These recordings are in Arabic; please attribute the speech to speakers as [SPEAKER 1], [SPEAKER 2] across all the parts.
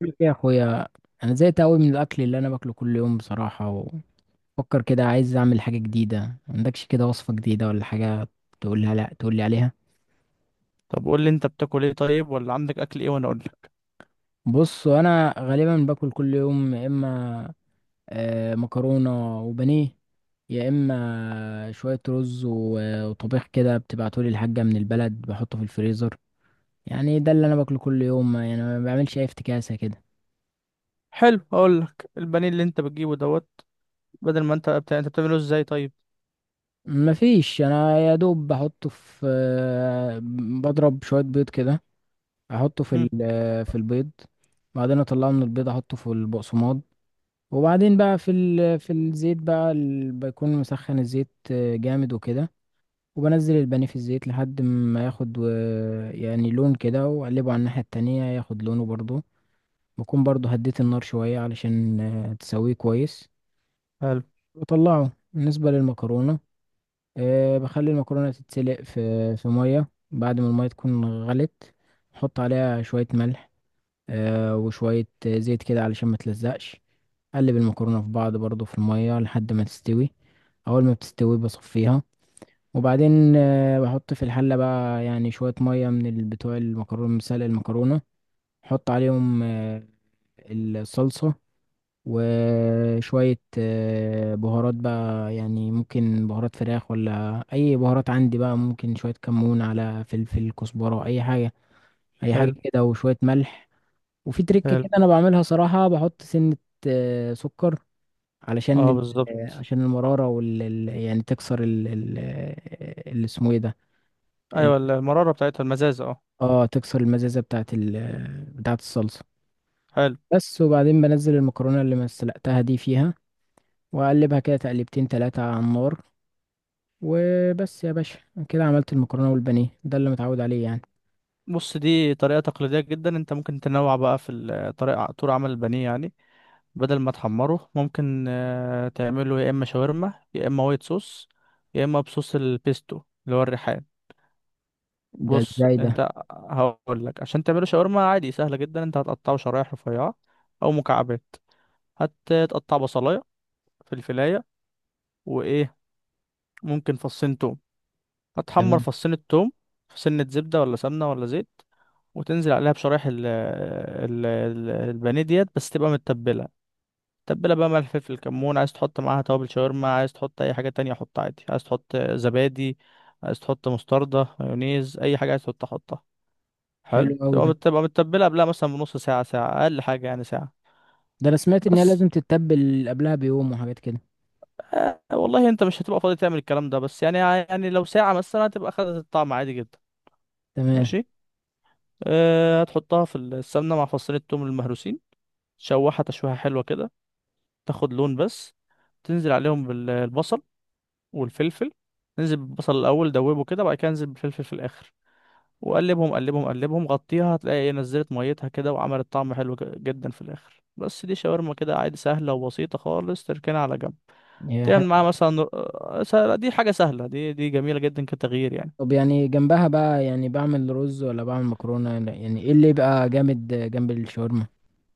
[SPEAKER 1] بقول لك إيه يا اخويا؟ انا زهقت قوي من الاكل اللي انا باكله كل يوم بصراحه، وفكر كده عايز اعمل حاجه جديده. ما عندكش كده وصفه جديده ولا حاجه تقولها؟ لا، تقول لي عليها.
[SPEAKER 2] طب قول لي انت بتاكل ايه طيب، ولا عندك اكل ايه وانا اقول لك؟
[SPEAKER 1] بص، انا غالبا باكل كل يوم يا اما مكرونه وبانيه، يا اما شويه رز وطبيخ كده، بتبعتولي الحاجه من البلد بحطه في الفريزر. يعني ده اللي انا باكله كل يوم، يعني ما بعملش اي افتكاسه كده.
[SPEAKER 2] حلو، اقول لك البانيه اللي انت بتجيبه دوت. بدل ما انت بتعمله ازاي طيب؟
[SPEAKER 1] مفيش، انا يا دوب بحطه في. بضرب شويه بيض كده، احطه
[SPEAKER 2] هم.
[SPEAKER 1] في البيض. بعدين اطلعه من البيض، احطه في البقسماط، وبعدين بقى في الزيت، بيكون مسخن الزيت جامد وكده، وبنزل البانيه في الزيت لحد ما ياخد يعني لون كده، واقلبه على الناحية التانية ياخد لونه برضو. بكون برضو هديت النار شوية علشان تسويه كويس
[SPEAKER 2] حلو.
[SPEAKER 1] وطلعه. بالنسبة للمكرونة، بخلي المكرونة تتسلق في مية بعد ما المية تكون غلت. احط عليها شوية ملح وشوية زيت كده علشان ما تلزقش. قلب المكرونة في بعض برضو في المية لحد ما تستوي. أول ما بتستوي بصفيها، وبعدين بحط في الحلة بقى يعني شوية مية من بتوع المكرونة، مسلق المكرونة. حط عليهم الصلصة، وشوية بهارات بقى، يعني ممكن بهارات فراخ ولا أي بهارات عندي بقى، ممكن شوية كمون على فلفل كزبرة أي حاجة، أي حاجة
[SPEAKER 2] حلو.
[SPEAKER 1] كده، وشوية ملح. وفي تريك
[SPEAKER 2] حلو.
[SPEAKER 1] كده انا بعملها صراحة، بحط سنة سكر علشان
[SPEAKER 2] اه بالظبط.
[SPEAKER 1] عشان المرارة يعني تكسر اللي اسمه ايه ده، ال-
[SPEAKER 2] ايوه، المراره بتاعتها المزازه اه.
[SPEAKER 1] اه، تكسر المزازة بتاعت ال آه، بتاعت الصلصة،
[SPEAKER 2] حلو.
[SPEAKER 1] بس. وبعدين بنزل المكرونة اللي ما سلقتها دي فيها، واقلبها كده تقلبتين تلاتة على النار وبس يا باشا. كده عملت المكرونة والبانيه، ده اللي متعود عليه يعني.
[SPEAKER 2] بص، دي طريقه تقليديه جدا. انت ممكن تنوع بقى في طريقه طول عمل البانيه، يعني بدل ما تحمره ممكن تعمله يا اما شاورما، يا اما وايت صوص، يا اما بصوص البيستو اللي هو الريحان.
[SPEAKER 1] ده
[SPEAKER 2] بص،
[SPEAKER 1] ازاي ده؟
[SPEAKER 2] انت هقول لك عشان تعمله شاورما عادي سهله جدا. انت هتقطعه شرايح رفيعه او مكعبات. هتقطع بصلايه، فلفلايه، وايه، ممكن فصين توم. هتحمر
[SPEAKER 1] تمام.
[SPEAKER 2] فصين التوم في سنه زبده ولا سمنه ولا زيت. وتنزل عليها بشرايح البانيه ديت، بس تبقى متبله. تبله بقى ملح فلفل كمون. عايز تحط معاها توابل شاورما، عايز تحط اي حاجه تانية حط عادي، عايز تحط زبادي، عايز تحط مستردة مايونيز اي حاجه، عايز تحط حطها. حلو.
[SPEAKER 1] حلو قوي ده.
[SPEAKER 2] تبقى متبلها قبلها مثلا بنص ساعة ساعة، أقل حاجة يعني ساعة.
[SPEAKER 1] ده انا سمعت ان هي
[SPEAKER 2] بس
[SPEAKER 1] لازم تتبل قبلها بيوم وحاجات كده.
[SPEAKER 2] آه والله، أنت مش هتبقى فاضي تعمل الكلام ده، بس يعني لو ساعة مثلا هتبقى خدت الطعم عادي جدا.
[SPEAKER 1] تمام.
[SPEAKER 2] ماشي. آه، هتحطها في السمنة مع فصين التوم المهروسين. تشوحها تشويحة حلوة كده، تاخد لون بس. تنزل عليهم بالبصل والفلفل. ننزل بالبصل الأول دوبه كده، بعد كده انزل بالفلفل في الآخر. وقلبهم قلبهم قلبهم، غطيها، هتلاقي ايه، نزلت ميتها كده وعملت طعم حلو جدا في الاخر. بس دي شاورما كده عادي، سهله وبسيطه خالص. تركنها على جنب.
[SPEAKER 1] يا،
[SPEAKER 2] تعمل معاها مثلا دي حاجه سهله، دي دي جميله جدا كتغيير يعني.
[SPEAKER 1] طب يعني جنبها بقى، يعني بعمل رز ولا بعمل مكرونة؟ يعني ايه اللي يبقى جامد جنب الشاورما؟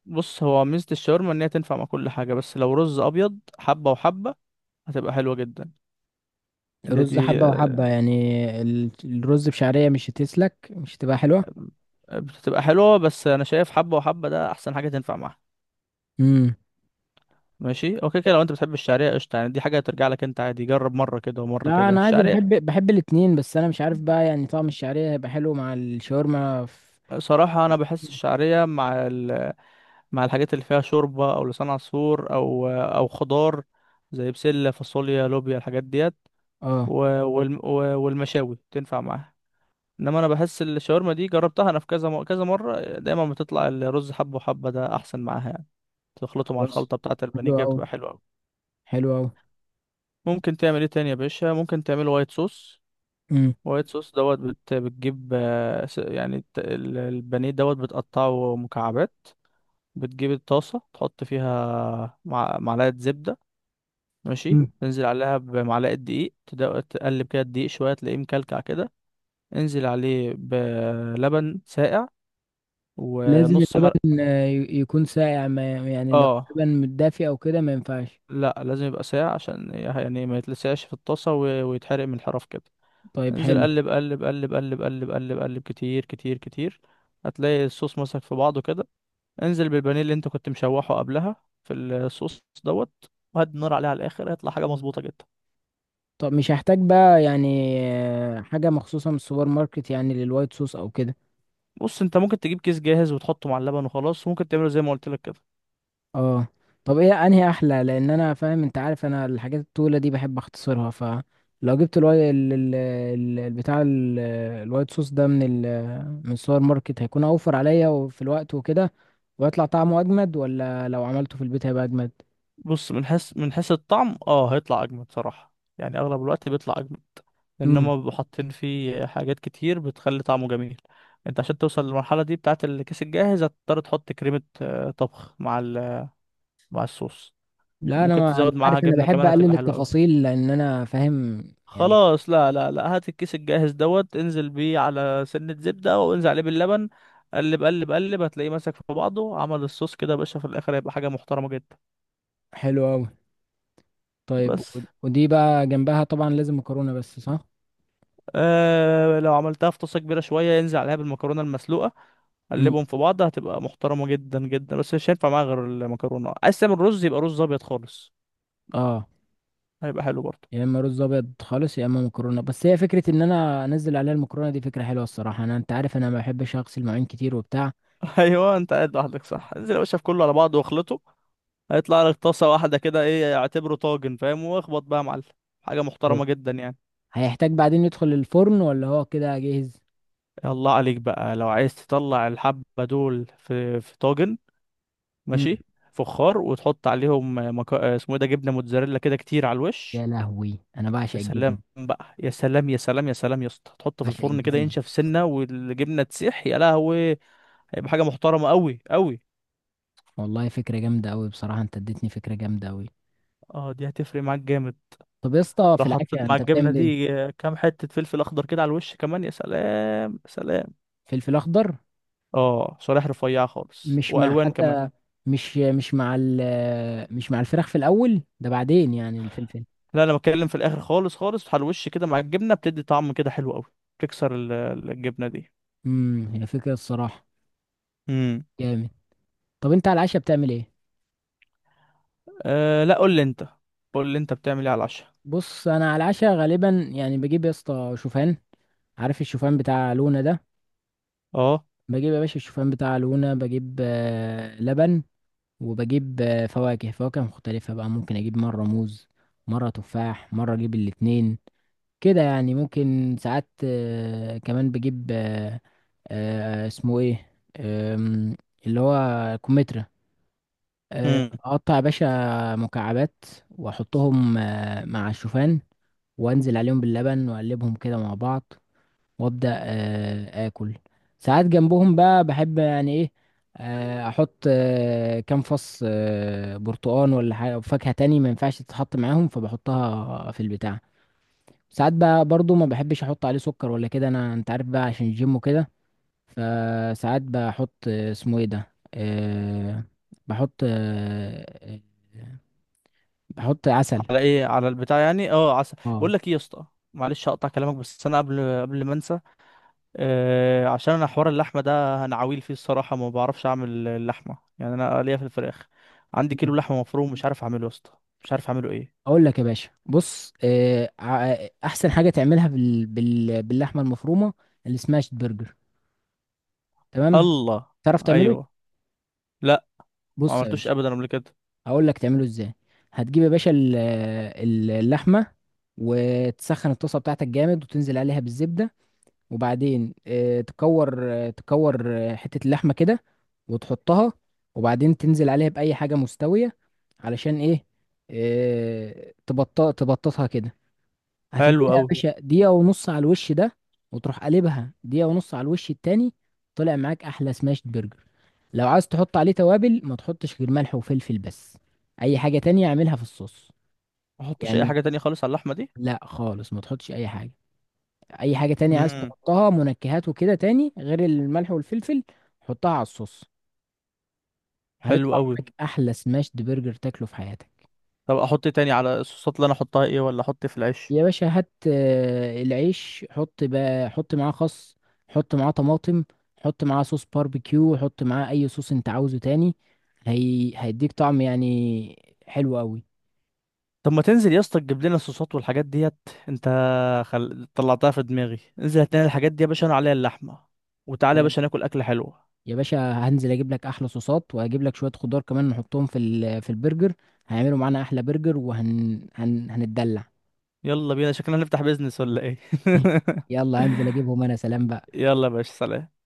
[SPEAKER 2] بص، هو ميزه الشاورما ان هي تنفع مع كل حاجه، بس لو رز ابيض حبه وحبه هتبقى حلوه جدا. ده
[SPEAKER 1] رز
[SPEAKER 2] دي
[SPEAKER 1] حبة وحبة
[SPEAKER 2] آه،
[SPEAKER 1] يعني؟ الرز بشعرية مش هتسلك، مش هتبقى حلوة.
[SPEAKER 2] بتبقى حلوه، بس انا شايف حبه وحبه ده احسن حاجه تنفع معاها.
[SPEAKER 1] امم.
[SPEAKER 2] ماشي، اوكي كده. لو انت بتحب الشعريه قشطه، يعني دي حاجه ترجع لك انت عادي، جرب مره كده ومره
[SPEAKER 1] لا،
[SPEAKER 2] كده
[SPEAKER 1] انا عادي
[SPEAKER 2] الشعريه.
[SPEAKER 1] بحب الاتنين، بس انا مش عارف بقى يعني طعم الشعرية هيبقى حلو مع الشاورما في.
[SPEAKER 2] صراحة أنا بحس الشعرية مع مع الحاجات اللي فيها شوربة أو لسان عصفور أو أو خضار، زي بسلة فاصوليا لوبيا الحاجات ديت.
[SPEAKER 1] اه.
[SPEAKER 2] و... والمشاوي تنفع معاها. إنما أنا بحس الشاورما دي جربتها أنا في كذا كذا مرة، دايما بتطلع الرز حبة وحبة ده أحسن معاها يعني. تخلطه مع
[SPEAKER 1] خلاص.
[SPEAKER 2] الخلطة بتاعة البانيه
[SPEAKER 1] حلو
[SPEAKER 2] كده
[SPEAKER 1] أوي.
[SPEAKER 2] بتبقى حلوة أوي.
[SPEAKER 1] حلو أوي.
[SPEAKER 2] ممكن تعمل إيه تاني يا باشا؟ ممكن تعمل وايت صوص.
[SPEAKER 1] امم.
[SPEAKER 2] وايت صوص دوت بتجيب يعني البانيه دوت بتقطعه مكعبات. بتجيب الطاسة تحط فيها معلقة زبدة. ماشي.
[SPEAKER 1] مم.
[SPEAKER 2] تنزل عليها بمعلقة دقيق، تقلب كده الدقيق شوية تلاقيه مكلكع كده. انزل عليه بلبن ساقع
[SPEAKER 1] لازم
[SPEAKER 2] ونص مرق.
[SPEAKER 1] اللبن يكون ساقع، ما يعني لو
[SPEAKER 2] اه.
[SPEAKER 1] اللبن متدافي أو كده ما ينفعش؟
[SPEAKER 2] لا، لازم يبقى ساقع عشان يعني ما يتلسعش في الطاسة ويتحرق من الحرف كده.
[SPEAKER 1] طيب،
[SPEAKER 2] انزل،
[SPEAKER 1] حلو.
[SPEAKER 2] قلب قلب قلب قلب قلب قلب قلب، كتير كتير كتير، هتلاقي الصوص مسك في بعضه كده. انزل بالبانيه اللي انت كنت مشوحه قبلها في الصوص دوت. وهدي النار عليه على الاخر، هيطلع حاجة مظبوطة جدا.
[SPEAKER 1] طب مش هحتاج بقى يعني حاجة مخصوصة من السوبر ماركت يعني للوايت صوص او كده؟
[SPEAKER 2] بص، انت ممكن تجيب كيس جاهز وتحطه مع اللبن وخلاص، وممكن تعمله زي ما قلت لك كده.
[SPEAKER 1] اه. طب ايه انهي احلى؟ لان انا فاهم، انت عارف انا الحاجات الطويلة دي بحب اختصرها، فلو جبت الوايت صوص ده من من السوبر ماركت هيكون اوفر عليا وفي الوقت وكده، ويطلع طعمه اجمد ولا لو عملته في البيت هيبقى اجمد؟
[SPEAKER 2] بص، من حيث الطعم اه هيطلع اجمد صراحة، يعني اغلب الوقت بيطلع اجمد، لان هما
[SPEAKER 1] امم.
[SPEAKER 2] بيبقوا حاطين فيه حاجات كتير بتخلي طعمه جميل. انت عشان توصل للمرحلة دي بتاعة الكيس الجاهز، هتضطر تحط كريمة طبخ مع مع الصوص.
[SPEAKER 1] لا، انا
[SPEAKER 2] ممكن
[SPEAKER 1] ما، أنت
[SPEAKER 2] تزود معاها
[SPEAKER 1] عارف انا
[SPEAKER 2] جبنة
[SPEAKER 1] بحب
[SPEAKER 2] كمان هتبقى
[SPEAKER 1] اقلل
[SPEAKER 2] حلوة أوي.
[SPEAKER 1] التفاصيل لان انا فاهم يعني.
[SPEAKER 2] خلاص، لا لا لا، هات الكيس الجاهز دوت، انزل بيه على سنة زبدة وانزل عليه باللبن. قلب قلب قلب، هتلاقيه ماسك في بعضه عمل الصوص كده يا باشا، في الآخر هيبقى حاجة محترمة جدا.
[SPEAKER 1] حلو أوي. طيب
[SPEAKER 2] بس
[SPEAKER 1] ودي بقى جنبها طبعا لازم مكرونه بس صح؟
[SPEAKER 2] آه، لو عملتها في طاسة كبيرة شوية ينزل عليها بالمكرونة المسلوقة،
[SPEAKER 1] امم.
[SPEAKER 2] قلبهم في بعض هتبقى محترمة جدا جدا. بس مش هينفع معاها غير المكرونة، عايز تعمل رز يبقى رز أبيض خالص،
[SPEAKER 1] اه.
[SPEAKER 2] هيبقى حلو برضه.
[SPEAKER 1] يا اما رز ابيض خالص، يا اما مكرونه بس. هي فكره ان انا انزل عليها المكرونه دي فكره حلوه الصراحه، انا انت عارف انا ما بحبش اغسل مواعين كتير وبتاع.
[SPEAKER 2] أيوه، أنت قاعد لوحدك
[SPEAKER 1] آه،
[SPEAKER 2] صح، انزل يا باشا في كله على بعضه واخلطه. هيطلع لك طاسة واحدة كده، ايه اعتبره طاجن فاهم، واخبط بقى يا معلم، حاجة
[SPEAKER 1] بالظبط.
[SPEAKER 2] محترمة جدا يعني.
[SPEAKER 1] هيحتاج بعدين يدخل الفرن ولا هو كده جاهز؟
[SPEAKER 2] الله عليك بقى، لو عايز تطلع الحبة دول في طاجن،
[SPEAKER 1] امم.
[SPEAKER 2] ماشي، فخار، وتحط عليهم اسمه ايه ده، جبنة موتزاريلا كده كتير على
[SPEAKER 1] يا
[SPEAKER 2] الوش.
[SPEAKER 1] لهوي، انا بعشق
[SPEAKER 2] يا
[SPEAKER 1] الجبنه.
[SPEAKER 2] سلام بقى، يا سلام يا سلام يا سلام يا اسطى. تحطه في
[SPEAKER 1] بعشق
[SPEAKER 2] الفرن كده
[SPEAKER 1] الجبنه.
[SPEAKER 2] ينشف سنة، والجبنة تسيح يا لهوي. هيبقى حاجة محترمة قوي قوي.
[SPEAKER 1] والله فكره جامده قوي بصراحه، انت اديتني فكره جامده قوي.
[SPEAKER 2] اه، دي هتفرق معاك جامد.
[SPEAKER 1] طب يا اسطى
[SPEAKER 2] لو
[SPEAKER 1] في العافيه،
[SPEAKER 2] حطيت مع
[SPEAKER 1] انت
[SPEAKER 2] الجبنة
[SPEAKER 1] بتعمل ايه؟
[SPEAKER 2] دي كام حتة فلفل أخضر كده على الوش كمان، يا سلام يا سلام.
[SPEAKER 1] فلفل اخضر؟
[SPEAKER 2] اه، شرايح رفيعة خالص
[SPEAKER 1] مش مع
[SPEAKER 2] والوان كمان.
[SPEAKER 1] حتى، مش مع مش مع الفراخ في الاول ده، بعدين يعني الفلفل؟
[SPEAKER 2] لا، انا بتكلم في الاخر خالص خالص، على الوش كده مع الجبنة، بتدي طعم كده حلو قوي. تكسر الجبنة دي.
[SPEAKER 1] امم، هي فكره الصراحه
[SPEAKER 2] امم.
[SPEAKER 1] جامد. طب انت على العشاء بتعمل ايه؟
[SPEAKER 2] آه لا، قول لي انت. قول لي انت بتعمل ايه على العشاء.
[SPEAKER 1] بص انا على العشاء غالبا يعني بجيب يا اسطى شوفان، عارف الشوفان بتاع لونا ده؟
[SPEAKER 2] اه.
[SPEAKER 1] بجيب يا باشا الشوفان بتاع لونا، بجيب لبن، وبجيب فواكه، فواكه مختلفة بقى. ممكن اجيب مرة موز، مرة تفاح، مرة اجيب الاتنين، كده يعني. ممكن ساعات كمان بجيب اسمه ايه، آم، اللي هو كمثرى.
[SPEAKER 2] امم.
[SPEAKER 1] اقطع يا باشا مكعبات، واحطهم مع الشوفان، وانزل عليهم باللبن واقلبهم كده مع بعض، وابدا اكل. ساعات جنبهم بقى بحب، يعني ايه، احط كام فص برتقان، ولا حاجه فاكهه تاني ما ينفعش تتحط معاهم فبحطها في البتاع. ساعات بقى برضو ما بحبش احط عليه سكر ولا كده انا، انت عارف بقى عشان الجيم وكده، فساعات بحط آه، اسمه ايه ده، أه بحط أه آه، بحط عسل.
[SPEAKER 2] على ايه على البتاع؟ يعني اه عسل؟
[SPEAKER 1] اه.
[SPEAKER 2] بقول لك ايه يا اسطى، معلش هقطع كلامك، بس انا قبل ما انسى، آه عشان انا حوار اللحمه ده انا عويل فيه الصراحه، ما بعرفش اعمل اللحمه، يعني انا ليا في الفراخ. عندي كيلو لحمه مفروم مش عارف اعمله يا اسطى، مش عارف اعمله ايه.
[SPEAKER 1] اقول لك يا باشا، بص، احسن حاجه تعملها باللحمه المفرومه اللي اسمها شيت برجر. تمام؟
[SPEAKER 2] الله.
[SPEAKER 1] تعرف تعمله؟ أيوة.
[SPEAKER 2] ايوه. لا، ما
[SPEAKER 1] بص يا
[SPEAKER 2] عملتوش
[SPEAKER 1] باشا،
[SPEAKER 2] ابدا قبل كده.
[SPEAKER 1] هقول لك تعمله ازاي. هتجيب يا باشا اللحمه، وتسخن الطاسه بتاعتك جامد، وتنزل عليها بالزبده، وبعدين تكور حتة اللحمة كده وتحطها، وبعدين تنزل عليها بأي حاجة مستوية، علشان ايه؟ آه، تبطأ تبططها كده.
[SPEAKER 2] حلو
[SPEAKER 1] هتديلها يا
[SPEAKER 2] قوي.
[SPEAKER 1] باشا دقيقة ونص على الوش ده، وتروح قلبها دقيقة ونص على الوش التاني، طلع معاك أحلى سماشت برجر. لو عايز تحط عليه توابل ما تحطش غير ملح وفلفل بس، أي حاجة تانية اعملها في الصوص
[SPEAKER 2] ما احطش اي
[SPEAKER 1] يعني.
[SPEAKER 2] حاجه تانية خالص على اللحمه دي.
[SPEAKER 1] لا خالص، ما تحطش أي حاجة. اي حاجة تانية عايز
[SPEAKER 2] امم.
[SPEAKER 1] تحطها منكهات وكده تاني غير الملح والفلفل، حطها على الصوص.
[SPEAKER 2] حلو
[SPEAKER 1] هيطلع
[SPEAKER 2] قوي.
[SPEAKER 1] معاك احلى سماشد برجر تاكله في حياتك.
[SPEAKER 2] طب احط إيه تاني على الصوصات؟ اللي انا احطها ايه، ولا احط إيه في العيش؟
[SPEAKER 1] يا باشا هات العيش، حط بقى، حط معاه خس، حط معاه طماطم، حط معاه صوص باربيكيو، حط معاه اي صوص انت عاوزه تاني، هي هيديك طعم يعني حلو قوي.
[SPEAKER 2] طب ما تنزل يا اسطى تجيب لنا الصوصات والحاجات ديت انت، طلعتها في دماغي، انزل هات لنا الحاجات دي يا باشا، انا عليها اللحمه، وتعالى يا باشا
[SPEAKER 1] خلاص.
[SPEAKER 2] ناكل اكله حلوه.
[SPEAKER 1] يا باشا هنزل اجيب لك احلى صوصات، وهجيب لك شوية خضار كمان نحطهم في في البرجر، هيعملوا معانا احلى برجر، هنتدلع.
[SPEAKER 2] يلا بينا، شكلنا هنفتح بيزنس ولا ايه؟
[SPEAKER 1] يلا انزل اجيبهم انا، سلام بقى.
[SPEAKER 2] يلا يا باشا سلام.